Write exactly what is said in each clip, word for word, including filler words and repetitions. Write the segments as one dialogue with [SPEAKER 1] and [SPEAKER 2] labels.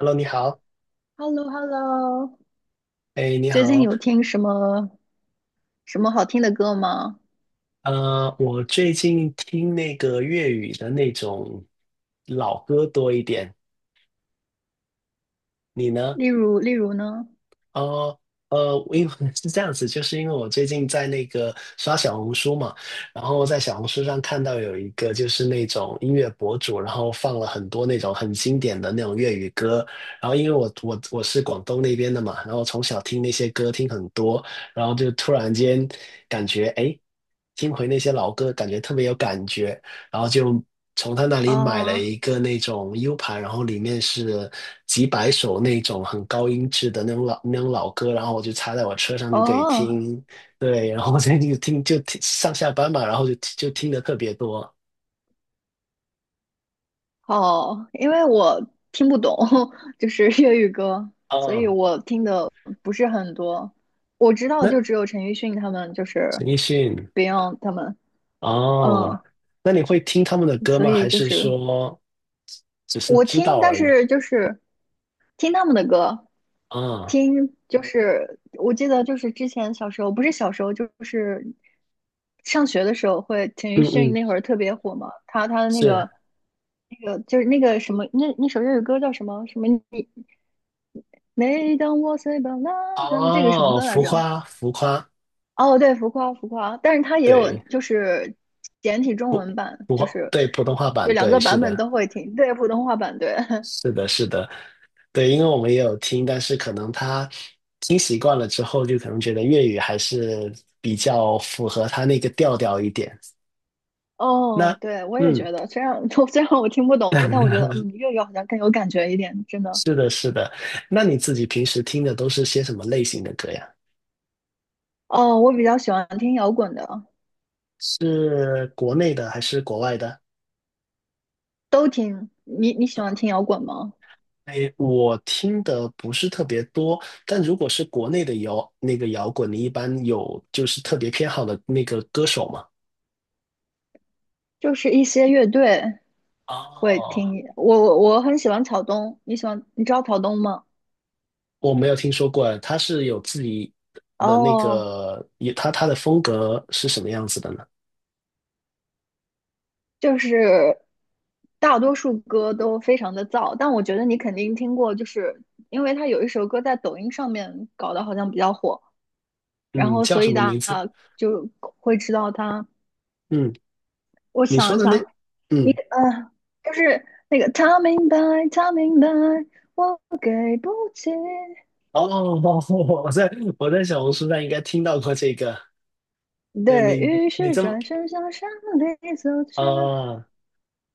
[SPEAKER 1] Hello，你好，
[SPEAKER 2] h e l l o h e l l o
[SPEAKER 1] 哎，你
[SPEAKER 2] 最近
[SPEAKER 1] 好，
[SPEAKER 2] 有听什么什么好听的歌吗？
[SPEAKER 1] 呃，我最近听那个粤语的那种老歌多一点，你呢？
[SPEAKER 2] 例如，例如呢？
[SPEAKER 1] 呃呃，因为 是这样子，就是因为我最近在那个刷小红书嘛，然后在小红书上看到有一个就是那种音乐博主，然后放了很多那种很经典的那种粤语歌，然后因为我我我是广东那边的嘛，然后从小听那些歌听很多，然后就突然间感觉哎，诶听回那些老歌，感觉特别有感觉，然后就从他那里买了
[SPEAKER 2] 哦
[SPEAKER 1] 一个那种 U 盘，然后里面是几百首那种很高音质的那种老那种老歌，然后我就插在我车上就可以
[SPEAKER 2] 哦，
[SPEAKER 1] 听，对，然后我最近就听就听上下班嘛，然后就就听的特别多。
[SPEAKER 2] 好，因为我听不懂，就是粤语歌，所以
[SPEAKER 1] 哦，
[SPEAKER 2] 我听的不是很多。我知道
[SPEAKER 1] 那
[SPEAKER 2] 就只有陈奕迅他们，就是
[SPEAKER 1] 陈奕迅。
[SPEAKER 2] Beyond 他们，嗯，
[SPEAKER 1] 哦，那你会听他们的歌
[SPEAKER 2] 所
[SPEAKER 1] 吗？
[SPEAKER 2] 以
[SPEAKER 1] 还
[SPEAKER 2] 就
[SPEAKER 1] 是
[SPEAKER 2] 是
[SPEAKER 1] 说只是
[SPEAKER 2] 我
[SPEAKER 1] 知
[SPEAKER 2] 听，
[SPEAKER 1] 道
[SPEAKER 2] 但
[SPEAKER 1] 而已？
[SPEAKER 2] 是就是听他们的歌，
[SPEAKER 1] 啊，
[SPEAKER 2] 听就是我记得就是之前小时候，不是小时候就是上学的时候会，陈
[SPEAKER 1] 嗯
[SPEAKER 2] 奕迅
[SPEAKER 1] 嗯，
[SPEAKER 2] 那会儿特别火嘛，他他的那
[SPEAKER 1] 是。
[SPEAKER 2] 个那个就是那个什么那那首粤语歌叫什么什么你每当我睡吧啦的这个什么
[SPEAKER 1] 哦，
[SPEAKER 2] 歌来
[SPEAKER 1] 浮
[SPEAKER 2] 着？
[SPEAKER 1] 夸浮夸。
[SPEAKER 2] 哦，对，浮夸浮夸，但是它也有
[SPEAKER 1] 对，
[SPEAKER 2] 就是简体中
[SPEAKER 1] 普
[SPEAKER 2] 文版，
[SPEAKER 1] 普
[SPEAKER 2] 就
[SPEAKER 1] 话
[SPEAKER 2] 是
[SPEAKER 1] 对普通话
[SPEAKER 2] 这
[SPEAKER 1] 版，
[SPEAKER 2] 两
[SPEAKER 1] 对，
[SPEAKER 2] 个
[SPEAKER 1] 是
[SPEAKER 2] 版本
[SPEAKER 1] 的。
[SPEAKER 2] 都会听，对，普通话版对。
[SPEAKER 1] 是的，是的，对，因为我们也有听，但是可能他听习惯了之后，就可能觉得粤语还是比较符合他那个调调一点。
[SPEAKER 2] 哦，
[SPEAKER 1] 那，
[SPEAKER 2] 对，我也
[SPEAKER 1] 嗯，
[SPEAKER 2] 觉得这样。虽然我听不懂，但我觉得 嗯，粤语好像更有感觉一点，真的。
[SPEAKER 1] 是的，是的。那你自己平时听的都是些什么类型的歌呀？
[SPEAKER 2] 哦，我比较喜欢听摇滚的，
[SPEAKER 1] 是国内的还是国外的？
[SPEAKER 2] 都听。你你喜欢听摇滚吗？
[SPEAKER 1] 哎，我听的不是特别多，但如果是国内的摇那个摇滚，你一般有就是特别偏好的那个歌手吗？
[SPEAKER 2] 就是一些乐队会听。
[SPEAKER 1] 哦，
[SPEAKER 2] 我我我很喜欢草东，你喜欢？你知道草东吗？
[SPEAKER 1] 我没有听说过，他是有自己的那
[SPEAKER 2] 哦，
[SPEAKER 1] 个，也他他的风格是什么样子的呢？
[SPEAKER 2] 就是大多数歌都非常的燥，但我觉得你肯定听过，就是因为他有一首歌在抖音上面搞得好像比较火，然
[SPEAKER 1] 嗯，
[SPEAKER 2] 后
[SPEAKER 1] 叫
[SPEAKER 2] 所
[SPEAKER 1] 什
[SPEAKER 2] 以
[SPEAKER 1] 么
[SPEAKER 2] 大
[SPEAKER 1] 名字？
[SPEAKER 2] 家就会知道他。
[SPEAKER 1] 嗯，
[SPEAKER 2] 我
[SPEAKER 1] 你
[SPEAKER 2] 想
[SPEAKER 1] 说
[SPEAKER 2] 一
[SPEAKER 1] 的那，
[SPEAKER 2] 下，你
[SPEAKER 1] 嗯，
[SPEAKER 2] 个呃，就是那个他明白，他明白，我给不起。
[SPEAKER 1] 哦，我在我在小红书上应该听到过这个。对
[SPEAKER 2] 对，
[SPEAKER 1] 你，
[SPEAKER 2] 于
[SPEAKER 1] 你
[SPEAKER 2] 是
[SPEAKER 1] 这么
[SPEAKER 2] 转身向山里走去。
[SPEAKER 1] 啊，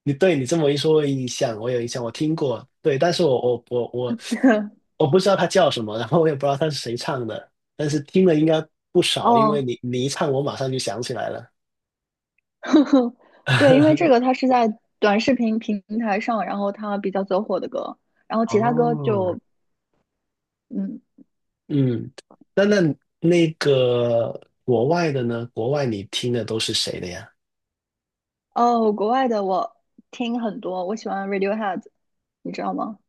[SPEAKER 1] 你对你这么一说，我有印象，我有印象，我听过。对，但是我我我我 我不知道他叫什么，然后我也不知道他是谁唱的，但是听了应该不少，因为
[SPEAKER 2] 哦，
[SPEAKER 1] 你你一唱，我马上就想起来了。
[SPEAKER 2] 对，因为这个 它是在短视频平台上，然后它比较走火的歌，然后其他歌
[SPEAKER 1] 哦，
[SPEAKER 2] 就嗯
[SPEAKER 1] 嗯，那那那个国外的呢？国外你听的都是谁的呀？
[SPEAKER 2] 哦，国外的我听很多，我喜欢 Radiohead，你知道吗？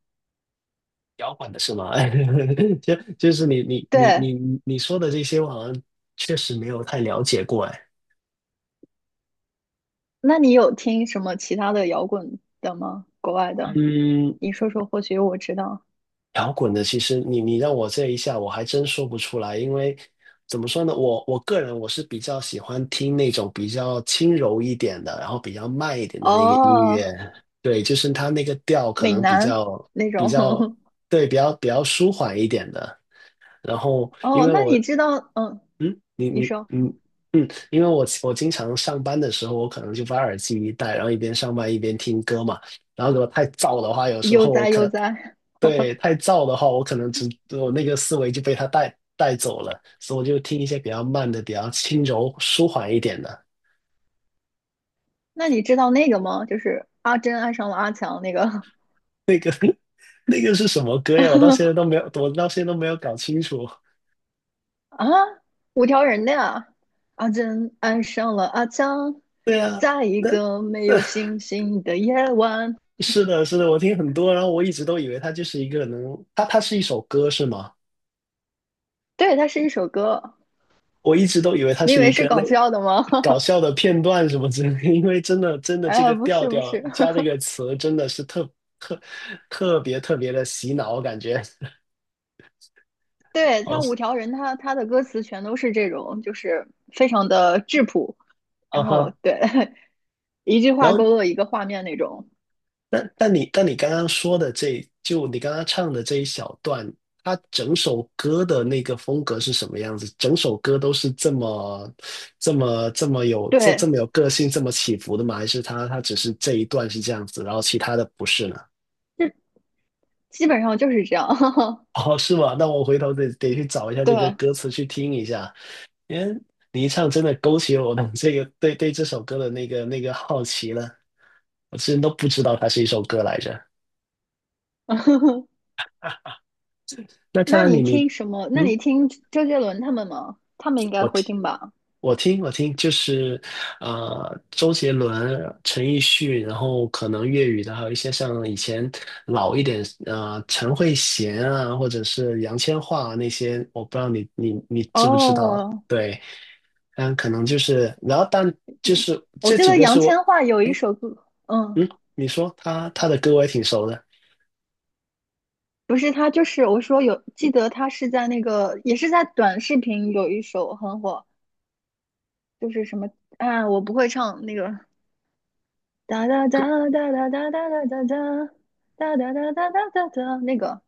[SPEAKER 1] 摇滚的是吗？就就是你你你
[SPEAKER 2] 对，
[SPEAKER 1] 你你说的这些，我好像确实没有太了解过哎。
[SPEAKER 2] 那你有听什么其他的摇滚的吗？国外的，
[SPEAKER 1] 嗯，
[SPEAKER 2] 你说说，或许我知道。
[SPEAKER 1] 摇滚的，其实你你让我这一下，我还真说不出来，因为怎么说呢，我我个人我是比较喜欢听那种比较轻柔一点的，然后比较慢一点的那个音乐，
[SPEAKER 2] 哦，
[SPEAKER 1] 对，就是它那个调可
[SPEAKER 2] 美
[SPEAKER 1] 能比
[SPEAKER 2] 男
[SPEAKER 1] 较
[SPEAKER 2] 那
[SPEAKER 1] 比
[SPEAKER 2] 种。
[SPEAKER 1] 较 对，比较比较舒缓一点的。然后因
[SPEAKER 2] 哦，
[SPEAKER 1] 为
[SPEAKER 2] 那
[SPEAKER 1] 我
[SPEAKER 2] 你知道，嗯，
[SPEAKER 1] 嗯，你
[SPEAKER 2] 你
[SPEAKER 1] 你
[SPEAKER 2] 说
[SPEAKER 1] 嗯嗯，因为我我经常上班的时候，我可能就把耳机一戴，然后一边上班一边听歌嘛。然后如果太燥的话，有时
[SPEAKER 2] 悠
[SPEAKER 1] 候我
[SPEAKER 2] 哉悠
[SPEAKER 1] 可
[SPEAKER 2] 哉，
[SPEAKER 1] 对，太燥的话，我可能只我那个思维就被它带带走了，所以我就听一些比较慢的、比较轻柔、舒缓一点的。
[SPEAKER 2] 那你知道那个吗？就是阿珍爱上了阿强那个
[SPEAKER 1] 那个是什么歌呀？我到现在都没有，我到现在都没有搞清楚。
[SPEAKER 2] 啊，五条人的呀。阿珍爱上了阿强，
[SPEAKER 1] 对啊，
[SPEAKER 2] 在一
[SPEAKER 1] 那
[SPEAKER 2] 个没
[SPEAKER 1] 那
[SPEAKER 2] 有星星的夜晚。
[SPEAKER 1] 是的，是的，我听很多，然后我一直都以为它就是一个能，它它是一首歌是吗？
[SPEAKER 2] 对，它是一首歌。
[SPEAKER 1] 我一直都以为它
[SPEAKER 2] 你以
[SPEAKER 1] 是
[SPEAKER 2] 为
[SPEAKER 1] 一
[SPEAKER 2] 是
[SPEAKER 1] 个那
[SPEAKER 2] 搞笑的吗？
[SPEAKER 1] 搞 笑的片段什么之类的，因为真的真的这
[SPEAKER 2] 哎，
[SPEAKER 1] 个
[SPEAKER 2] 不
[SPEAKER 1] 调
[SPEAKER 2] 是不
[SPEAKER 1] 调
[SPEAKER 2] 是，
[SPEAKER 1] 加这个词真的是特特特别特别的洗脑，我感觉。
[SPEAKER 2] 对，
[SPEAKER 1] 哦。
[SPEAKER 2] 他五条人他他的歌词全都是这种，就是非常的质朴，
[SPEAKER 1] 啊
[SPEAKER 2] 然后
[SPEAKER 1] 哈，
[SPEAKER 2] 对，一句
[SPEAKER 1] 然
[SPEAKER 2] 话
[SPEAKER 1] 后
[SPEAKER 2] 勾勒一个画面那种，
[SPEAKER 1] 但但你但你刚刚说的这就你刚刚唱的这一小段，它整首歌的那个风格是什么样子？整首歌都是这么这么这么有这这
[SPEAKER 2] 对，
[SPEAKER 1] 么有个性，这么起伏的吗？还是它它只是这一段是这样子，然后其他的不是呢？
[SPEAKER 2] 这基本上就是这样。
[SPEAKER 1] 哦，是吗？那我回头得得去找一下这个
[SPEAKER 2] 对，
[SPEAKER 1] 歌词去听一下，因为你一唱真的勾起我的这个对对这首歌的那个那个好奇了，我之前都不知道它是一首歌来着。那看
[SPEAKER 2] 那
[SPEAKER 1] 来
[SPEAKER 2] 你
[SPEAKER 1] 你你
[SPEAKER 2] 听什么？那你
[SPEAKER 1] 嗯。
[SPEAKER 2] 听周杰伦他们吗？他们应该
[SPEAKER 1] 我
[SPEAKER 2] 会
[SPEAKER 1] 听，
[SPEAKER 2] 听吧？
[SPEAKER 1] 我听，我听，就是呃，周杰伦、陈奕迅，然后可能粤语的，还有一些像以前老一点，呃，陈慧娴啊，或者是杨千嬅啊那些，我不知道你你你知不知
[SPEAKER 2] 哦，
[SPEAKER 1] 道？
[SPEAKER 2] 嗯
[SPEAKER 1] 对，嗯，可能就是，然后但就是
[SPEAKER 2] 我
[SPEAKER 1] 这
[SPEAKER 2] 记
[SPEAKER 1] 几
[SPEAKER 2] 得
[SPEAKER 1] 个
[SPEAKER 2] 杨
[SPEAKER 1] 是
[SPEAKER 2] 千
[SPEAKER 1] 我，
[SPEAKER 2] 嬅有一
[SPEAKER 1] 哎，
[SPEAKER 2] 首歌，嗯，
[SPEAKER 1] 嗯，你说他他的歌我也挺熟的，
[SPEAKER 2] 不是他，就是我说有，记得他是在那个，也是在短视频有一首很火，就是什么啊，我不会唱那个哒哒哒哒哒哒哒哒哒哒哒哒哒哒哒哒哒，那个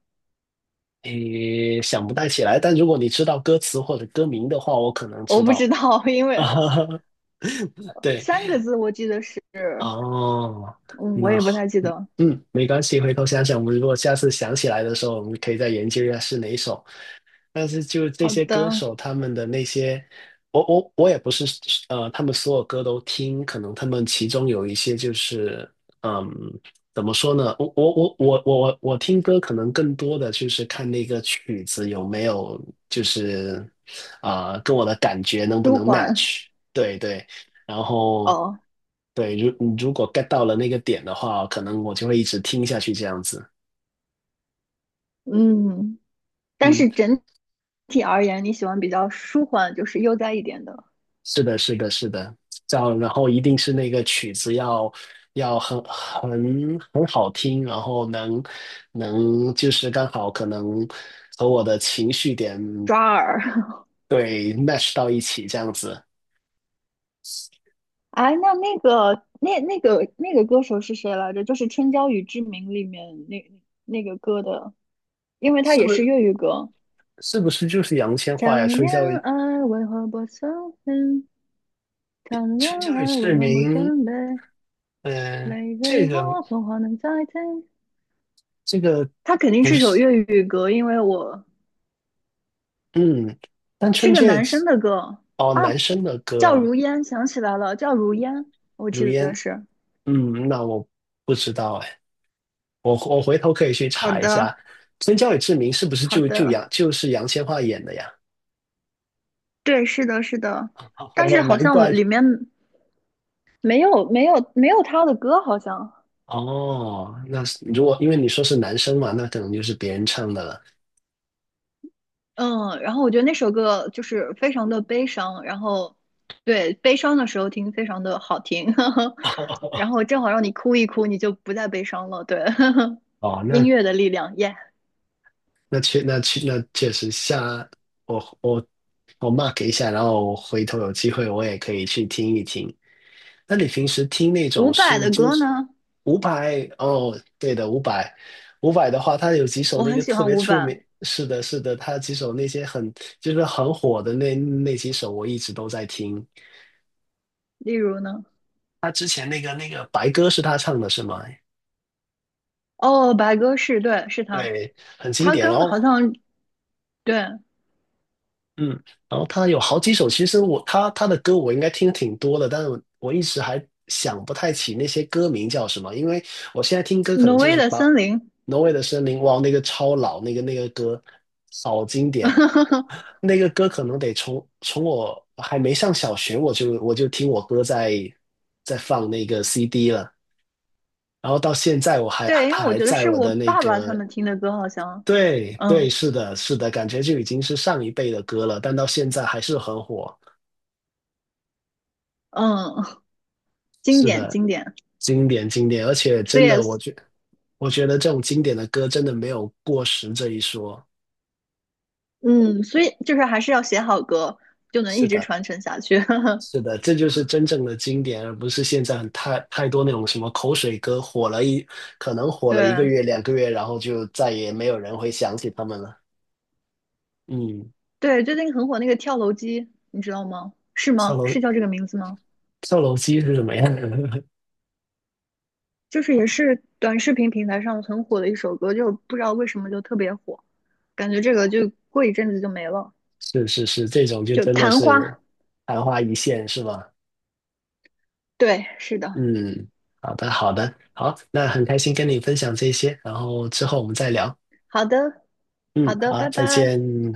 [SPEAKER 1] 诶，想不太起来，但如果你知道歌词或者歌名的话，我可能知
[SPEAKER 2] 我不
[SPEAKER 1] 道。
[SPEAKER 2] 知道，因
[SPEAKER 1] 啊，
[SPEAKER 2] 为
[SPEAKER 1] 对。
[SPEAKER 2] 三个字我记得是，
[SPEAKER 1] 哦，
[SPEAKER 2] 嗯，我
[SPEAKER 1] 那
[SPEAKER 2] 也不
[SPEAKER 1] 好，
[SPEAKER 2] 太记得。
[SPEAKER 1] 嗯，没关系，回头想想，我们如果下次想起来的时候，我们可以再研究一下是哪一首。但是就这
[SPEAKER 2] 好
[SPEAKER 1] 些歌
[SPEAKER 2] 的，
[SPEAKER 1] 手他们的那些，我我我也不是呃，他们所有歌都听，可能他们其中有一些就是嗯，怎么说呢？我我我我我我我听歌可能更多的就是看那个曲子有没有就是啊、跟我的感觉能不
[SPEAKER 2] 舒
[SPEAKER 1] 能
[SPEAKER 2] 缓，
[SPEAKER 1] match？对对，然后
[SPEAKER 2] 哦，
[SPEAKER 1] 对，如如果 get 到了那个点的话，可能我就会一直听下去这样子。
[SPEAKER 2] 嗯，但
[SPEAKER 1] 嗯。
[SPEAKER 2] 是整体而言，你喜欢比较舒缓，就是悠哉一点的
[SPEAKER 1] 是的，是的，是的，这样，然后一定是那个曲子要要很很很好听，然后能能就是刚好可能和我的情绪点
[SPEAKER 2] 抓耳。
[SPEAKER 1] 对 match 到一起，这样子，
[SPEAKER 2] 哎，那那个那那个那个歌手是谁来着？就是《春娇与志明》里面那那个歌的，因为它
[SPEAKER 1] 是
[SPEAKER 2] 也
[SPEAKER 1] 不
[SPEAKER 2] 是
[SPEAKER 1] 是
[SPEAKER 2] 粤语歌。
[SPEAKER 1] 是不是就是杨千嬅呀？
[SPEAKER 2] 谈
[SPEAKER 1] 春
[SPEAKER 2] 恋
[SPEAKER 1] 娇与
[SPEAKER 2] 爱为何不收心？谈恋
[SPEAKER 1] 春娇与
[SPEAKER 2] 爱为
[SPEAKER 1] 志
[SPEAKER 2] 何不
[SPEAKER 1] 明，
[SPEAKER 2] 准备？
[SPEAKER 1] 嗯、
[SPEAKER 2] 泪给
[SPEAKER 1] 这个
[SPEAKER 2] 我，童话能再听。
[SPEAKER 1] 这个
[SPEAKER 2] 它肯定
[SPEAKER 1] 不
[SPEAKER 2] 是首
[SPEAKER 1] 是，
[SPEAKER 2] 粤语歌，因为我
[SPEAKER 1] 嗯，但
[SPEAKER 2] 是
[SPEAKER 1] 春
[SPEAKER 2] 个
[SPEAKER 1] 节
[SPEAKER 2] 男生的歌
[SPEAKER 1] 哦，
[SPEAKER 2] 啊，
[SPEAKER 1] 男生的
[SPEAKER 2] 叫
[SPEAKER 1] 歌，
[SPEAKER 2] 如烟，想起来了，叫如烟，我
[SPEAKER 1] 如
[SPEAKER 2] 记
[SPEAKER 1] 烟，
[SPEAKER 2] 得是。
[SPEAKER 1] 嗯，那我不知道哎。我我回头可以去
[SPEAKER 2] 好
[SPEAKER 1] 查一
[SPEAKER 2] 的，
[SPEAKER 1] 下，春娇与志明是不是
[SPEAKER 2] 好
[SPEAKER 1] 就就
[SPEAKER 2] 的，
[SPEAKER 1] 杨就是杨千嬅演的呀？
[SPEAKER 2] 对，是的，是的，但
[SPEAKER 1] 哦，
[SPEAKER 2] 是好
[SPEAKER 1] 难
[SPEAKER 2] 像
[SPEAKER 1] 怪。
[SPEAKER 2] 里面没有没有没有他的歌，好像。
[SPEAKER 1] 哦。那是如果因为你说是男生嘛，那可能就是别人唱的了。
[SPEAKER 2] 嗯，然后我觉得那首歌就是非常的悲伤，然后对悲伤的时候听非常的好听，然后正好让你哭一哭，你就不再悲伤了。对，
[SPEAKER 1] 哦，
[SPEAKER 2] 音
[SPEAKER 1] 那
[SPEAKER 2] 乐的力量，耶、
[SPEAKER 1] 那确那确那确实下我我我 mark 一下，然后我回头有机会我也可以去听一听。那你平时听那
[SPEAKER 2] 伍
[SPEAKER 1] 种
[SPEAKER 2] 佰
[SPEAKER 1] 是
[SPEAKER 2] 的
[SPEAKER 1] 就
[SPEAKER 2] 歌
[SPEAKER 1] 是
[SPEAKER 2] 呢，
[SPEAKER 1] 伍佰。哦，对的，伍佰，伍佰，的话，他有几首
[SPEAKER 2] 我
[SPEAKER 1] 那
[SPEAKER 2] 很
[SPEAKER 1] 个
[SPEAKER 2] 喜
[SPEAKER 1] 特
[SPEAKER 2] 欢
[SPEAKER 1] 别
[SPEAKER 2] 伍
[SPEAKER 1] 出
[SPEAKER 2] 佰，
[SPEAKER 1] 名，是的，是的，他几首那些很就是很火的那那几首，我一直都在听。
[SPEAKER 2] 例如呢，
[SPEAKER 1] 他之前那个那个白歌是他唱的是吗？
[SPEAKER 2] 哦，白鸽是，对，是他，
[SPEAKER 1] 对，很经
[SPEAKER 2] 他
[SPEAKER 1] 典。然
[SPEAKER 2] 跟
[SPEAKER 1] 后
[SPEAKER 2] 好像对
[SPEAKER 1] 嗯，然后他有好几首，其实我他他的歌我应该听挺多的，但是我我一直还想不太起那些歌名叫什么，因为我现在听歌可能
[SPEAKER 2] 挪
[SPEAKER 1] 就
[SPEAKER 2] 威
[SPEAKER 1] 是
[SPEAKER 2] 的
[SPEAKER 1] 把
[SPEAKER 2] 森林，
[SPEAKER 1] 《挪威的森林》。哇，那个超老，那个那个歌好经典，那个歌可能得从从我还没上小学我就我就听我哥在在放那个 C D 了，然后到现在我还
[SPEAKER 2] 对，因为
[SPEAKER 1] 他
[SPEAKER 2] 我
[SPEAKER 1] 还
[SPEAKER 2] 觉得
[SPEAKER 1] 在
[SPEAKER 2] 是
[SPEAKER 1] 我
[SPEAKER 2] 我
[SPEAKER 1] 的那
[SPEAKER 2] 爸爸他
[SPEAKER 1] 个
[SPEAKER 2] 们听的歌，好像，
[SPEAKER 1] 对对，
[SPEAKER 2] 嗯
[SPEAKER 1] 是的，是的，感觉就已经是上一辈的歌了，但到现在还是很火。
[SPEAKER 2] 嗯，经
[SPEAKER 1] 是
[SPEAKER 2] 典
[SPEAKER 1] 的，
[SPEAKER 2] 经典，
[SPEAKER 1] 经典经典，而且
[SPEAKER 2] 所以
[SPEAKER 1] 真的，我觉我觉得这种经典的歌真的没有过时这一说。
[SPEAKER 2] 嗯，所以就是还是要写好歌，就能一
[SPEAKER 1] 是
[SPEAKER 2] 直
[SPEAKER 1] 的，
[SPEAKER 2] 传承下去。
[SPEAKER 1] 是的，这就是真正的经典，而不是现在很太太多那种什么口水歌，火了一可能火了一
[SPEAKER 2] 对
[SPEAKER 1] 个月、两个月，然后就再也没有人会想起他们了。嗯，
[SPEAKER 2] 对，最近很火那个跳楼机，你知道吗？是
[SPEAKER 1] 跳
[SPEAKER 2] 吗？
[SPEAKER 1] 楼
[SPEAKER 2] 是叫这个名字吗？
[SPEAKER 1] 跳楼机是什么样的？
[SPEAKER 2] 就是也是短视频平台上很火的一首歌，就不知道为什么就特别火，感觉这个就过一阵子就没了。
[SPEAKER 1] 是是是，这种就
[SPEAKER 2] 就
[SPEAKER 1] 真的
[SPEAKER 2] 昙
[SPEAKER 1] 是
[SPEAKER 2] 花，
[SPEAKER 1] 昙花一现，是吧？
[SPEAKER 2] 对，是的，
[SPEAKER 1] 嗯，好的，好的，好，那很开心跟你分享这些，然后之后我们再聊。
[SPEAKER 2] 好的，
[SPEAKER 1] 嗯，
[SPEAKER 2] 好的，
[SPEAKER 1] 好，
[SPEAKER 2] 拜
[SPEAKER 1] 再
[SPEAKER 2] 拜。
[SPEAKER 1] 见。